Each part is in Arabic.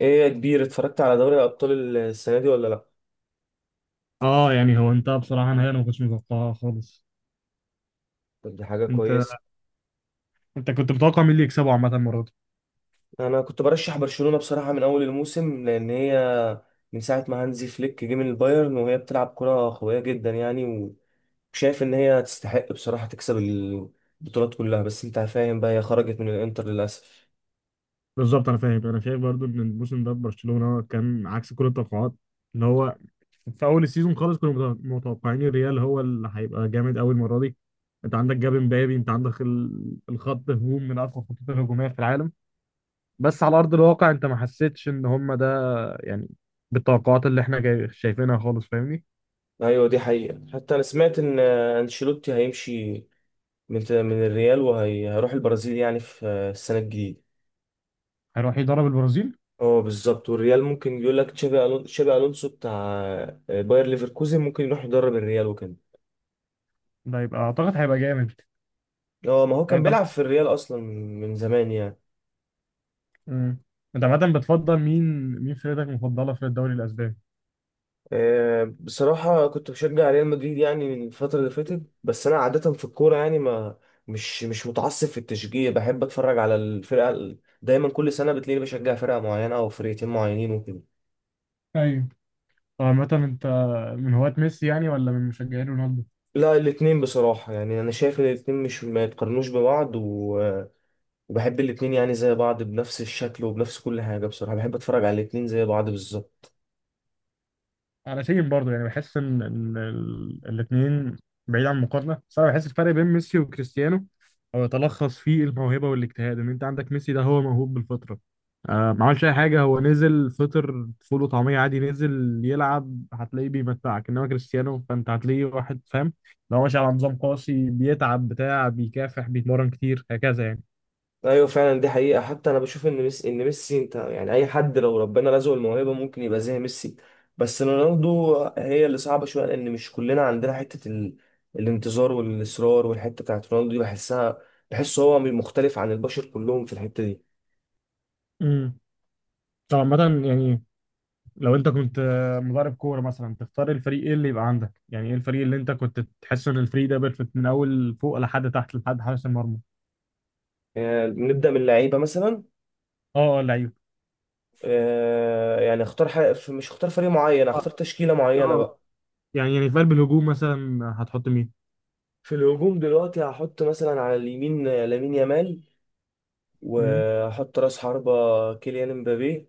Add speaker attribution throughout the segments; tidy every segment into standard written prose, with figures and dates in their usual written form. Speaker 1: ايه يا كبير، اتفرجت على دوري الابطال السنه دي ولا لا؟
Speaker 2: اه يعني هو انت بصراحة نهائي انا ما كنتش متوقعها خالص.
Speaker 1: طب دي حاجه
Speaker 2: انت
Speaker 1: كويسه.
Speaker 2: انت كنت متوقع مين اللي يكسبه عامة المرة دي؟
Speaker 1: انا كنت برشح برشلونه بصراحه من اول الموسم، لان هي من ساعه ما هانزي فليك جه من البايرن وهي بتلعب كره قويه جدا يعني. وشايف ان هي تستحق بصراحه تكسب البطولات كلها، بس انت فاهم بقى، هي خرجت من الانتر للاسف.
Speaker 2: بالظبط، انا فاهم. انا شايف برضو ان الموسم ده برشلونة كان عكس كل التوقعات، اللي هو في اول السيزون خالص كنا متوقعين الريال هو اللي هيبقى جامد قوي المرة دي. انت عندك جاب امبابي، انت عندك الخط هجوم من اقوى الخطوط الهجومية في العالم، بس على ارض الواقع انت ما حسيتش ان هم ده، يعني بالتوقعات شايفينها خالص، فاهمني؟
Speaker 1: ايوه دي حقيقه، حتى انا سمعت ان انشيلوتي هيمشي من الريال وهيروح البرازيل يعني في السنه الجديده.
Speaker 2: هيروح يدرب البرازيل.
Speaker 1: اه بالظبط، والريال ممكن يقول لك تشابي الونسو بتاع باير ليفركوزن ممكن يروح يدرب الريال وكده.
Speaker 2: ده يبقى اعتقد هيبقى جامد.
Speaker 1: اه ما هو
Speaker 2: طب
Speaker 1: كان
Speaker 2: انت،
Speaker 1: بيلعب في الريال اصلا من زمان يعني.
Speaker 2: امم انت عامة بتفضل مين؟ مين فرقتك المفضلة في الدوري الأسباني؟
Speaker 1: بصراحه كنت بشجع ريال مدريد يعني من الفتره اللي فاتت، بس انا عاده في الكوره يعني ما... مش متعصب في التشجيع، بحب اتفرج على الفرقه دايما كل سنه بتلاقيني بشجع فرقه معينه او فرقتين معينين وكده.
Speaker 2: ايوه. عامة انت من هواة ميسي يعني ولا من مشجعين رونالدو؟
Speaker 1: لا، الاتنين بصراحه، يعني انا شايف ان الاتنين مش ما يتقارنوش ببعض، و وبحب الاتنين يعني زي بعض، بنفس الشكل وبنفس كل حاجة. بصراحة بحب اتفرج على الاتنين زي بعض بالظبط.
Speaker 2: على سيم برضه. يعني بحس ان الاثنين، بعيد عن المقارنه، بس انا بحس الفرق بين ميسي وكريستيانو هو يتلخص في الموهبه والاجتهاد. ان انت عندك ميسي ده هو موهوب بالفطره، آه، ما عملش اي حاجه، هو نزل فطر فول وطعميه عادي، نزل يلعب هتلاقيه بيمتعك. انما كريستيانو فانت هتلاقيه واحد فاهم، لو ماشي على نظام قاسي، بيتعب بتاع، بيكافح، بيتمرن كتير هكذا يعني.
Speaker 1: ايوه فعلا دي حقيقة، حتى انا بشوف ان ميسي انت يعني اي حد لو ربنا رزقه الموهبة ممكن يبقى زي ميسي، بس رونالدو هي اللي صعبة شوية، لان مش كلنا عندنا حتة الانتظار والاصرار، والحتة بتاعت رونالدو دي بحسها. بحسه هو مختلف عن البشر كلهم في الحتة دي.
Speaker 2: امم، طبعا. مثلا يعني لو انت كنت مدرب كوره مثلا، تختار الفريق، ايه اللي يبقى عندك؟ يعني ايه الفريق اللي انت كنت تحس ان الفريق ده بيرفكت من اول فوق لحد تحت لحد حارس المرمى؟
Speaker 1: نبدأ من اللعيبة مثلا.
Speaker 2: اه لعيب.
Speaker 1: مش اختار فريق معين،
Speaker 2: اه.
Speaker 1: اختار تشكيلة معينة
Speaker 2: آه.
Speaker 1: بقى.
Speaker 2: يعني في قلب الهجوم مثلا هتحط مين؟
Speaker 1: في الهجوم دلوقتي هحط مثلا على اليمين لامين يامال،
Speaker 2: امم.
Speaker 1: وهحط راس حربة كيليان امبابي،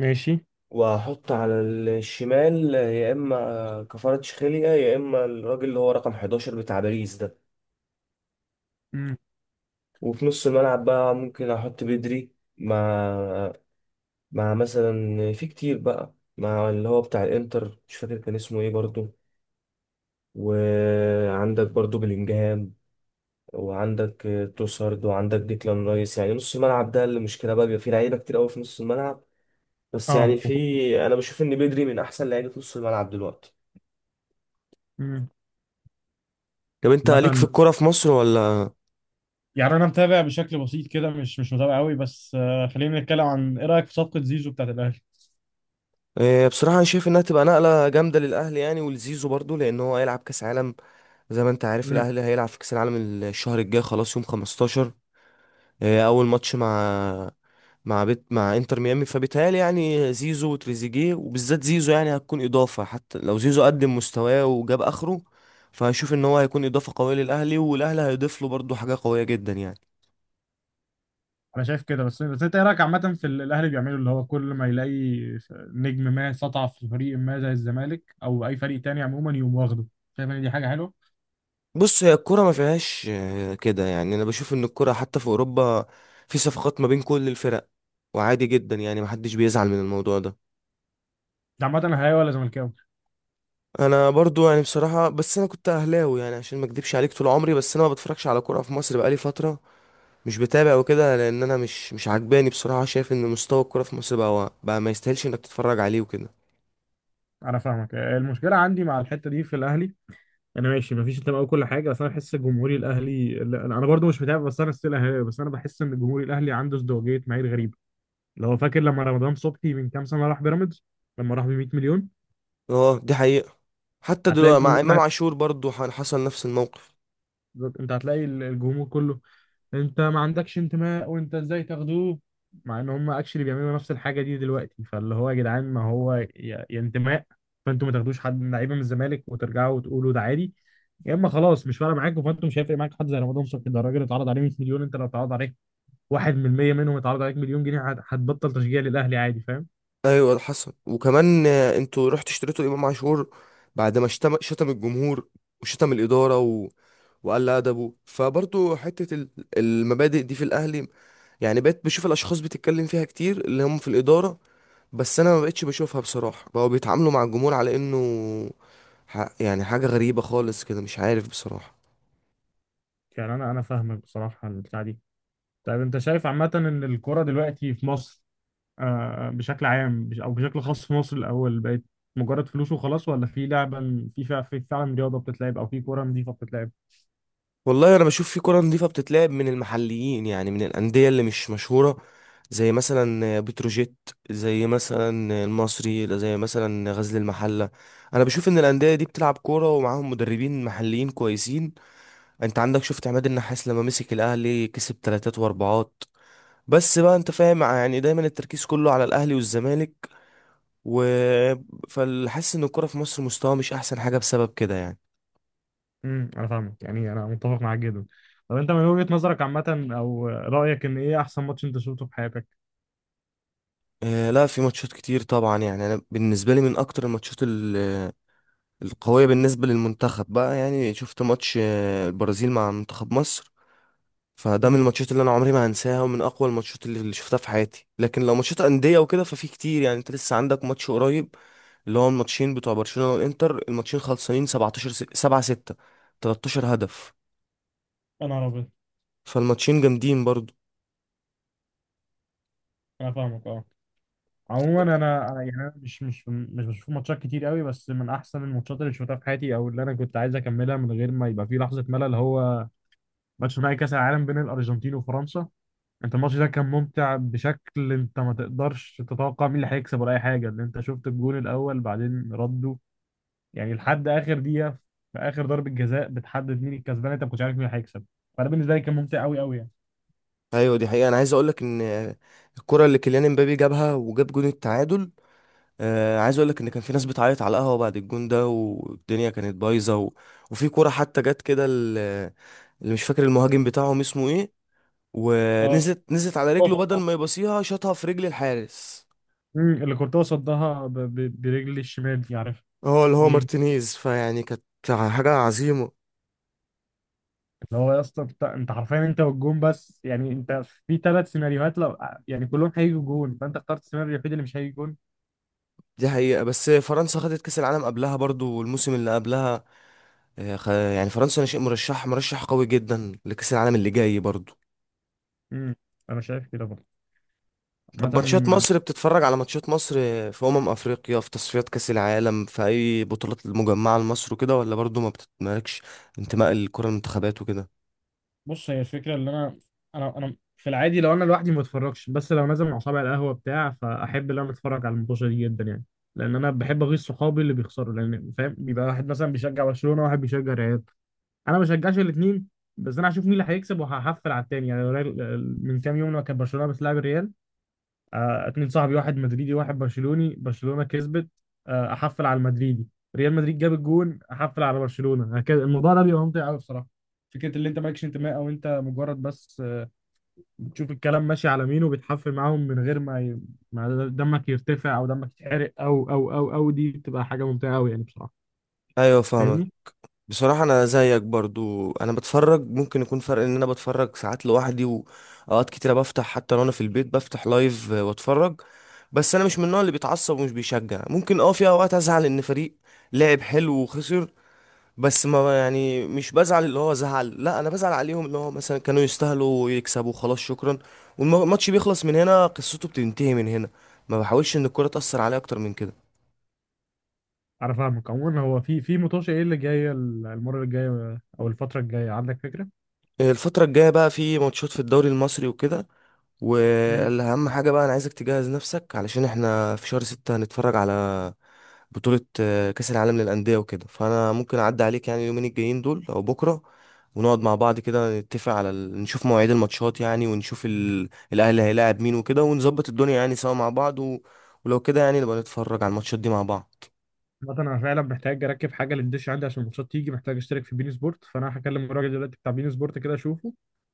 Speaker 2: ماشي.
Speaker 1: وهحط على الشمال يا اما كفاراتشخيليا يا اما الراجل اللي هو رقم 11 بتاع باريس ده.
Speaker 2: امم.
Speaker 1: وفي نص الملعب بقى ممكن احط بدري مع مع مثلا في كتير بقى، مع اللي هو بتاع الانتر مش فاكر كان اسمه ايه برضو، وعندك برضو بلينجهام، وعندك توسارد، وعندك ديكلان رايس. يعني نص الملعب ده اللي مشكله بقى، بيبقى فيه لعيبه كتير قوي في نص الملعب. بس
Speaker 2: اه.
Speaker 1: يعني في... انا بشوف ان بدري من احسن لعيبه نص الملعب دلوقتي.
Speaker 2: امم.
Speaker 1: طب انت ليك في
Speaker 2: مثلا
Speaker 1: الكوره في مصر ولا؟
Speaker 2: يعني انا متابع بشكل بسيط كده، مش متابع قوي، بس خلينا نتكلم عن، ايه رايك في صفقه زيزو بتاعت الاهلي؟
Speaker 1: إيه بصراحه انا شايف انها تبقى نقله جامده للاهلي يعني ولزيزو برضو، لان هو هيلعب كاس عالم. زي ما انت عارف الاهلي هيلعب في كاس العالم الشهر الجاي خلاص، يوم 15 اول ماتش مع مع بيت مع انتر ميامي، فبيتهيألي يعني زيزو وتريزيجيه، وبالذات زيزو، يعني هتكون اضافه، حتى لو زيزو قدم مستواه وجاب اخره فهشوف ان هو هيكون اضافه قويه للاهلي، والاهلي هيضيف له برضه حاجه قويه جدا يعني.
Speaker 2: انا شايف كده، بس انت ايه رايك عامه في اللي الاهلي بيعمله؟ اللي هو كل ما يلاقي نجم ما سطع في فريق ما زي الزمالك او اي فريق تاني، عموما يقوم واخده. شايف ان دي حاجه حلوه؟
Speaker 1: بص هي الكره ما فيهاش كده يعني، انا بشوف ان الكره حتى في اوروبا في صفقات ما بين كل الفرق، وعادي جدا يعني، محدش بيزعل من الموضوع ده.
Speaker 2: انت عامه اهلاوي ولا زملكاوي؟
Speaker 1: انا برضو يعني بصراحه، بس انا كنت اهلاوي يعني عشان ما اكدبش عليك طول عمري، بس انا ما بتفرجش على كوره في مصر بقالي فتره، مش بتابع وكده، لان انا مش عجباني بصراحه. شايف ان مستوى الكوره في مصر بقى ما يستاهلش انك تتفرج عليه وكده.
Speaker 2: انا فاهمك. المشكله عندي مع الحته دي في الاهلي، انا ماشي، مفيش انتماء وكل حاجه، بس انا بحس الجمهوري الاهلي، لا، انا برضو مش متابع، بس انا ستيل اهلاوي، بس انا بحس ان الجمهوري الاهلي عنده ازدواجيه معايير غريبه. اللي هو فاكر لما رمضان صبحي من كام سنه راح بيراميدز، لما راح ب 100 مليون،
Speaker 1: اه دي حقيقه، حتى
Speaker 2: هتلاقي
Speaker 1: دلوقتي مع
Speaker 2: الجمهور،
Speaker 1: امام عاشور برضو حصل نفس الموقف.
Speaker 2: بالظبط. انت هتلاقي الجمهور كله: انت ما عندكش انتماء وانت ازاي تاخدوه؟ مع ان هم اكشلي بيعملوا نفس الحاجه دي دلوقتي. فاللي هو يا جدعان، ما هو يا انتماء، فانتوا ما تاخدوش حد من لعيبه من الزمالك وترجعوا وتقولوا ده عادي، يا اما خلاص مش فارق معاكم. فانتوا مش هيفرق معاك حد زي رمضان صبحي ده، الراجل اتعرض عليه 100 مليون. انت لو اتعرض عليك 1% منهم، اتعرض عليك مليون جنيه، هتبطل تشجيع للاهلي عادي، فاهم؟
Speaker 1: ايوه حصل، وكمان انتوا رحتوا اشتريتوا امام عاشور بعد ما شتم الجمهور، وشتم الاداره وقل ادبه. فبرضو حته المبادئ دي في الاهلي يعني، بقيت بشوف الاشخاص بتتكلم فيها كتير اللي هم في الاداره، بس انا ما بقتش بشوفها بصراحه. بقوا بيتعاملوا مع الجمهور على انه يعني حاجة غريبة خالص كده، مش عارف بصراحة.
Speaker 2: يعني انا فاهمك بصراحه البتاع دي. طيب انت شايف عامه ان الكوره دلوقتي في مصر، بشكل عام، او بشكل خاص في مصر، الاول بقت مجرد فلوس وخلاص، ولا في لعبه، في فعلا رياضه بتتلعب او في كوره نظيفه بتتلعب؟
Speaker 1: والله أنا بشوف في كرة نظيفة بتتلعب من المحليين يعني، من الأندية اللي مش مشهورة، زي مثلا بتروجيت، زي مثلا المصري، زي مثلا غزل المحلة. أنا بشوف إن الأندية دي بتلعب كورة ومعاهم مدربين محليين كويسين. أنت عندك، شفت عماد النحاس لما مسك الأهلي كسب تلاتات وأربعات. بس بقى أنت فاهم يعني، دايما التركيز كله على الأهلي والزمالك، و فحاسس إن الكورة في مصر مستواها مش أحسن حاجة بسبب كده يعني.
Speaker 2: امم، انا فاهمك. يعني انا متفق معاك جدا. طب انت من وجهه نظرك عامه او رايك، ان ايه احسن ماتش انت شفته في حياتك؟
Speaker 1: لا، في ماتشات كتير طبعا يعني، انا بالنسبه لي من اكتر الماتشات القويه بالنسبه للمنتخب بقى، يعني شفت ماتش البرازيل مع منتخب مصر. فده من
Speaker 2: مم.
Speaker 1: الماتشات اللي انا عمري ما هنساها، ومن اقوى الماتشات اللي شفتها في حياتي. لكن لو ماتشات انديه وكده ففي كتير يعني، انت لسه عندك ماتش قريب، اللي هو الماتشين بتوع برشلونه والانتر، الماتشين خلصانين 17 7 6، 13 هدف،
Speaker 2: انا عربي.
Speaker 1: فالماتشين جامدين برضو.
Speaker 2: انا فاهمك. اه. عموما انا، أنا يعني انا مش مش بشوف ماتشات كتير قوي، بس من احسن الماتشات اللي شفتها في حياتي او اللي انا كنت عايز اكملها من غير ما يبقى في لحظه ملل، هو ماتش نهائي كاس العالم بين الارجنتين وفرنسا. انت الماتش ده كان ممتع بشكل، انت ما تقدرش تتوقع مين اللي هيكسب ولا اي حاجه. ان انت شفت الجون الاول، بعدين ردوا، يعني لحد اخر دقيقه، في اخر ضربه جزاء بتحدد مين الكسبان، انت ما كنتش عارف مين اللي هيكسب. فانا بالنسبه لي كان ممتع قوي قوي يعني.
Speaker 1: ايوه دي حقيقه، انا عايز اقول لك ان الكره اللي كيليان امبابي جابها وجاب جون التعادل، عايز اقول لك ان كان في ناس بتعيط على القهوه بعد الجون ده، والدنيا كانت بايظه، وفي كوره حتى جت كده اللي مش فاكر المهاجم بتاعهم اسمه ايه،
Speaker 2: اه،
Speaker 1: ونزلت على
Speaker 2: هو
Speaker 1: رجله، بدل
Speaker 2: صدها.
Speaker 1: ما يبصيها شاطها في رجل الحارس.
Speaker 2: اللي كورتوا صدها برجل الشمال دي، عارف
Speaker 1: هو اللي هو
Speaker 2: ليه؟
Speaker 1: مارتينيز، فيعني كانت حاجه عظيمه.
Speaker 2: اللي هو يا اسطى، انت حرفيا انت والجون بس. يعني انت في ثلاث سيناريوهات، لو يعني كلهم هيجوا جون، فانت اخترت السيناريو الوحيد اللي مش هيجي جون.
Speaker 1: دي حقيقة، بس فرنسا خدت كأس العالم قبلها برضو، والموسم اللي قبلها يعني فرنسا أنا شيء مرشح قوي جدا لكأس العالم اللي جاي برضو.
Speaker 2: امم، انا شايف كده برضه.
Speaker 1: طب ماتشات
Speaker 2: عامة،
Speaker 1: مصر، بتتفرج على ماتشات مصر في أمم أفريقيا، في تصفيات كأس العالم، في أي بطولات المجمعة لمصر وكده، ولا برضو ما بتتمالكش انتماء الكرة المنتخبات وكده؟
Speaker 2: بص، هي الفكره اللي انا، انا في العادي لو انا لوحدي ما بتفرجش، بس لو نازل مع صحابي على القهوه بتاع، فاحب ان انا اتفرج على الماتشات دي جدا يعني. لان انا بحب اغيظ صحابي اللي بيخسروا، لان فاهم، بيبقى واحد مثلا بيشجع برشلونه وواحد بيشجع ريال. انا ما بشجعش الاثنين، بس انا هشوف مين اللي هيكسب وهحفل على التاني. يعني من كام يوم لما كان برشلونه بتلعب الريال، اتنين صاحبي، واحد مدريدي واحد برشلوني، برشلونة كسبت، احفل على المدريدي، ريال مدريد جاب الجون، احفل على برشلونة، هكذا. الموضوع ده بيبقى ممتع قوي بصراحة. فكرة اللي انت مالكش انتماء، او انت مجرد بس بتشوف الكلام ماشي على مين وبتحفل معاهم من غير ما ما دمك يرتفع او دمك يتحرق او دي بتبقى حاجة ممتعة قوي يعني بصراحة.
Speaker 1: أيوة فاهمك.
Speaker 2: فاهمني؟
Speaker 1: بصراحة أنا زيك برضو، أنا بتفرج، ممكن يكون فرق إن أنا بتفرج ساعات لوحدي، وأوقات كتيرة بفتح حتى لو أنا في البيت بفتح لايف وأتفرج. بس أنا مش من النوع اللي بيتعصب ومش بيشجع، ممكن أه في أوقات أزعل إن فريق لعب حلو وخسر، بس ما يعني مش بزعل اللي هو زعل، لا انا بزعل عليهم اللي هو مثلا كانوا يستاهلوا ويكسبوا، خلاص شكرا، والماتش بيخلص من هنا، قصته بتنتهي من هنا. ما بحاولش ان الكرة تأثر عليا اكتر من كده.
Speaker 2: انا فاهمك. عموما هو في مطوشه ايه اللي جايه المرة الجاية او الفترة الجاية، عندك فكرة؟
Speaker 1: الفترة الجاية بقى في ماتشات في الدوري المصري وكده، واهم حاجة بقى انا عايزك تجهز نفسك علشان احنا في شهر 6 هنتفرج على بطولة كأس العالم للأندية وكده. فانا ممكن اعدي عليك يعني اليومين الجايين دول او بكرة، ونقعد مع بعض كده نتفق على نشوف مواعيد الماتشات يعني، ونشوف الاهلي هيلاعب مين وكده، ونظبط الدنيا يعني سوا مع بعض، ولو كده يعني نبقى نتفرج على الماتشات دي مع بعض.
Speaker 2: مثلا انا فعلا محتاج اركب حاجه للدش عندي عشان الماتشات تيجي، محتاج اشترك في بين سبورت، فانا هكلم الراجل دلوقتي بتاع بين سبورت كده اشوفه،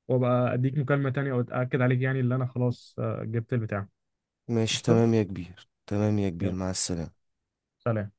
Speaker 2: وابقى اديك مكالمه تانية واتاكد عليك يعني اللي انا خلاص، جبت البتاع.
Speaker 1: ماشي
Speaker 2: قشطه.
Speaker 1: تمام يا كبير، تمام يا كبير،
Speaker 2: يلا.
Speaker 1: مع السلامة.
Speaker 2: سلام.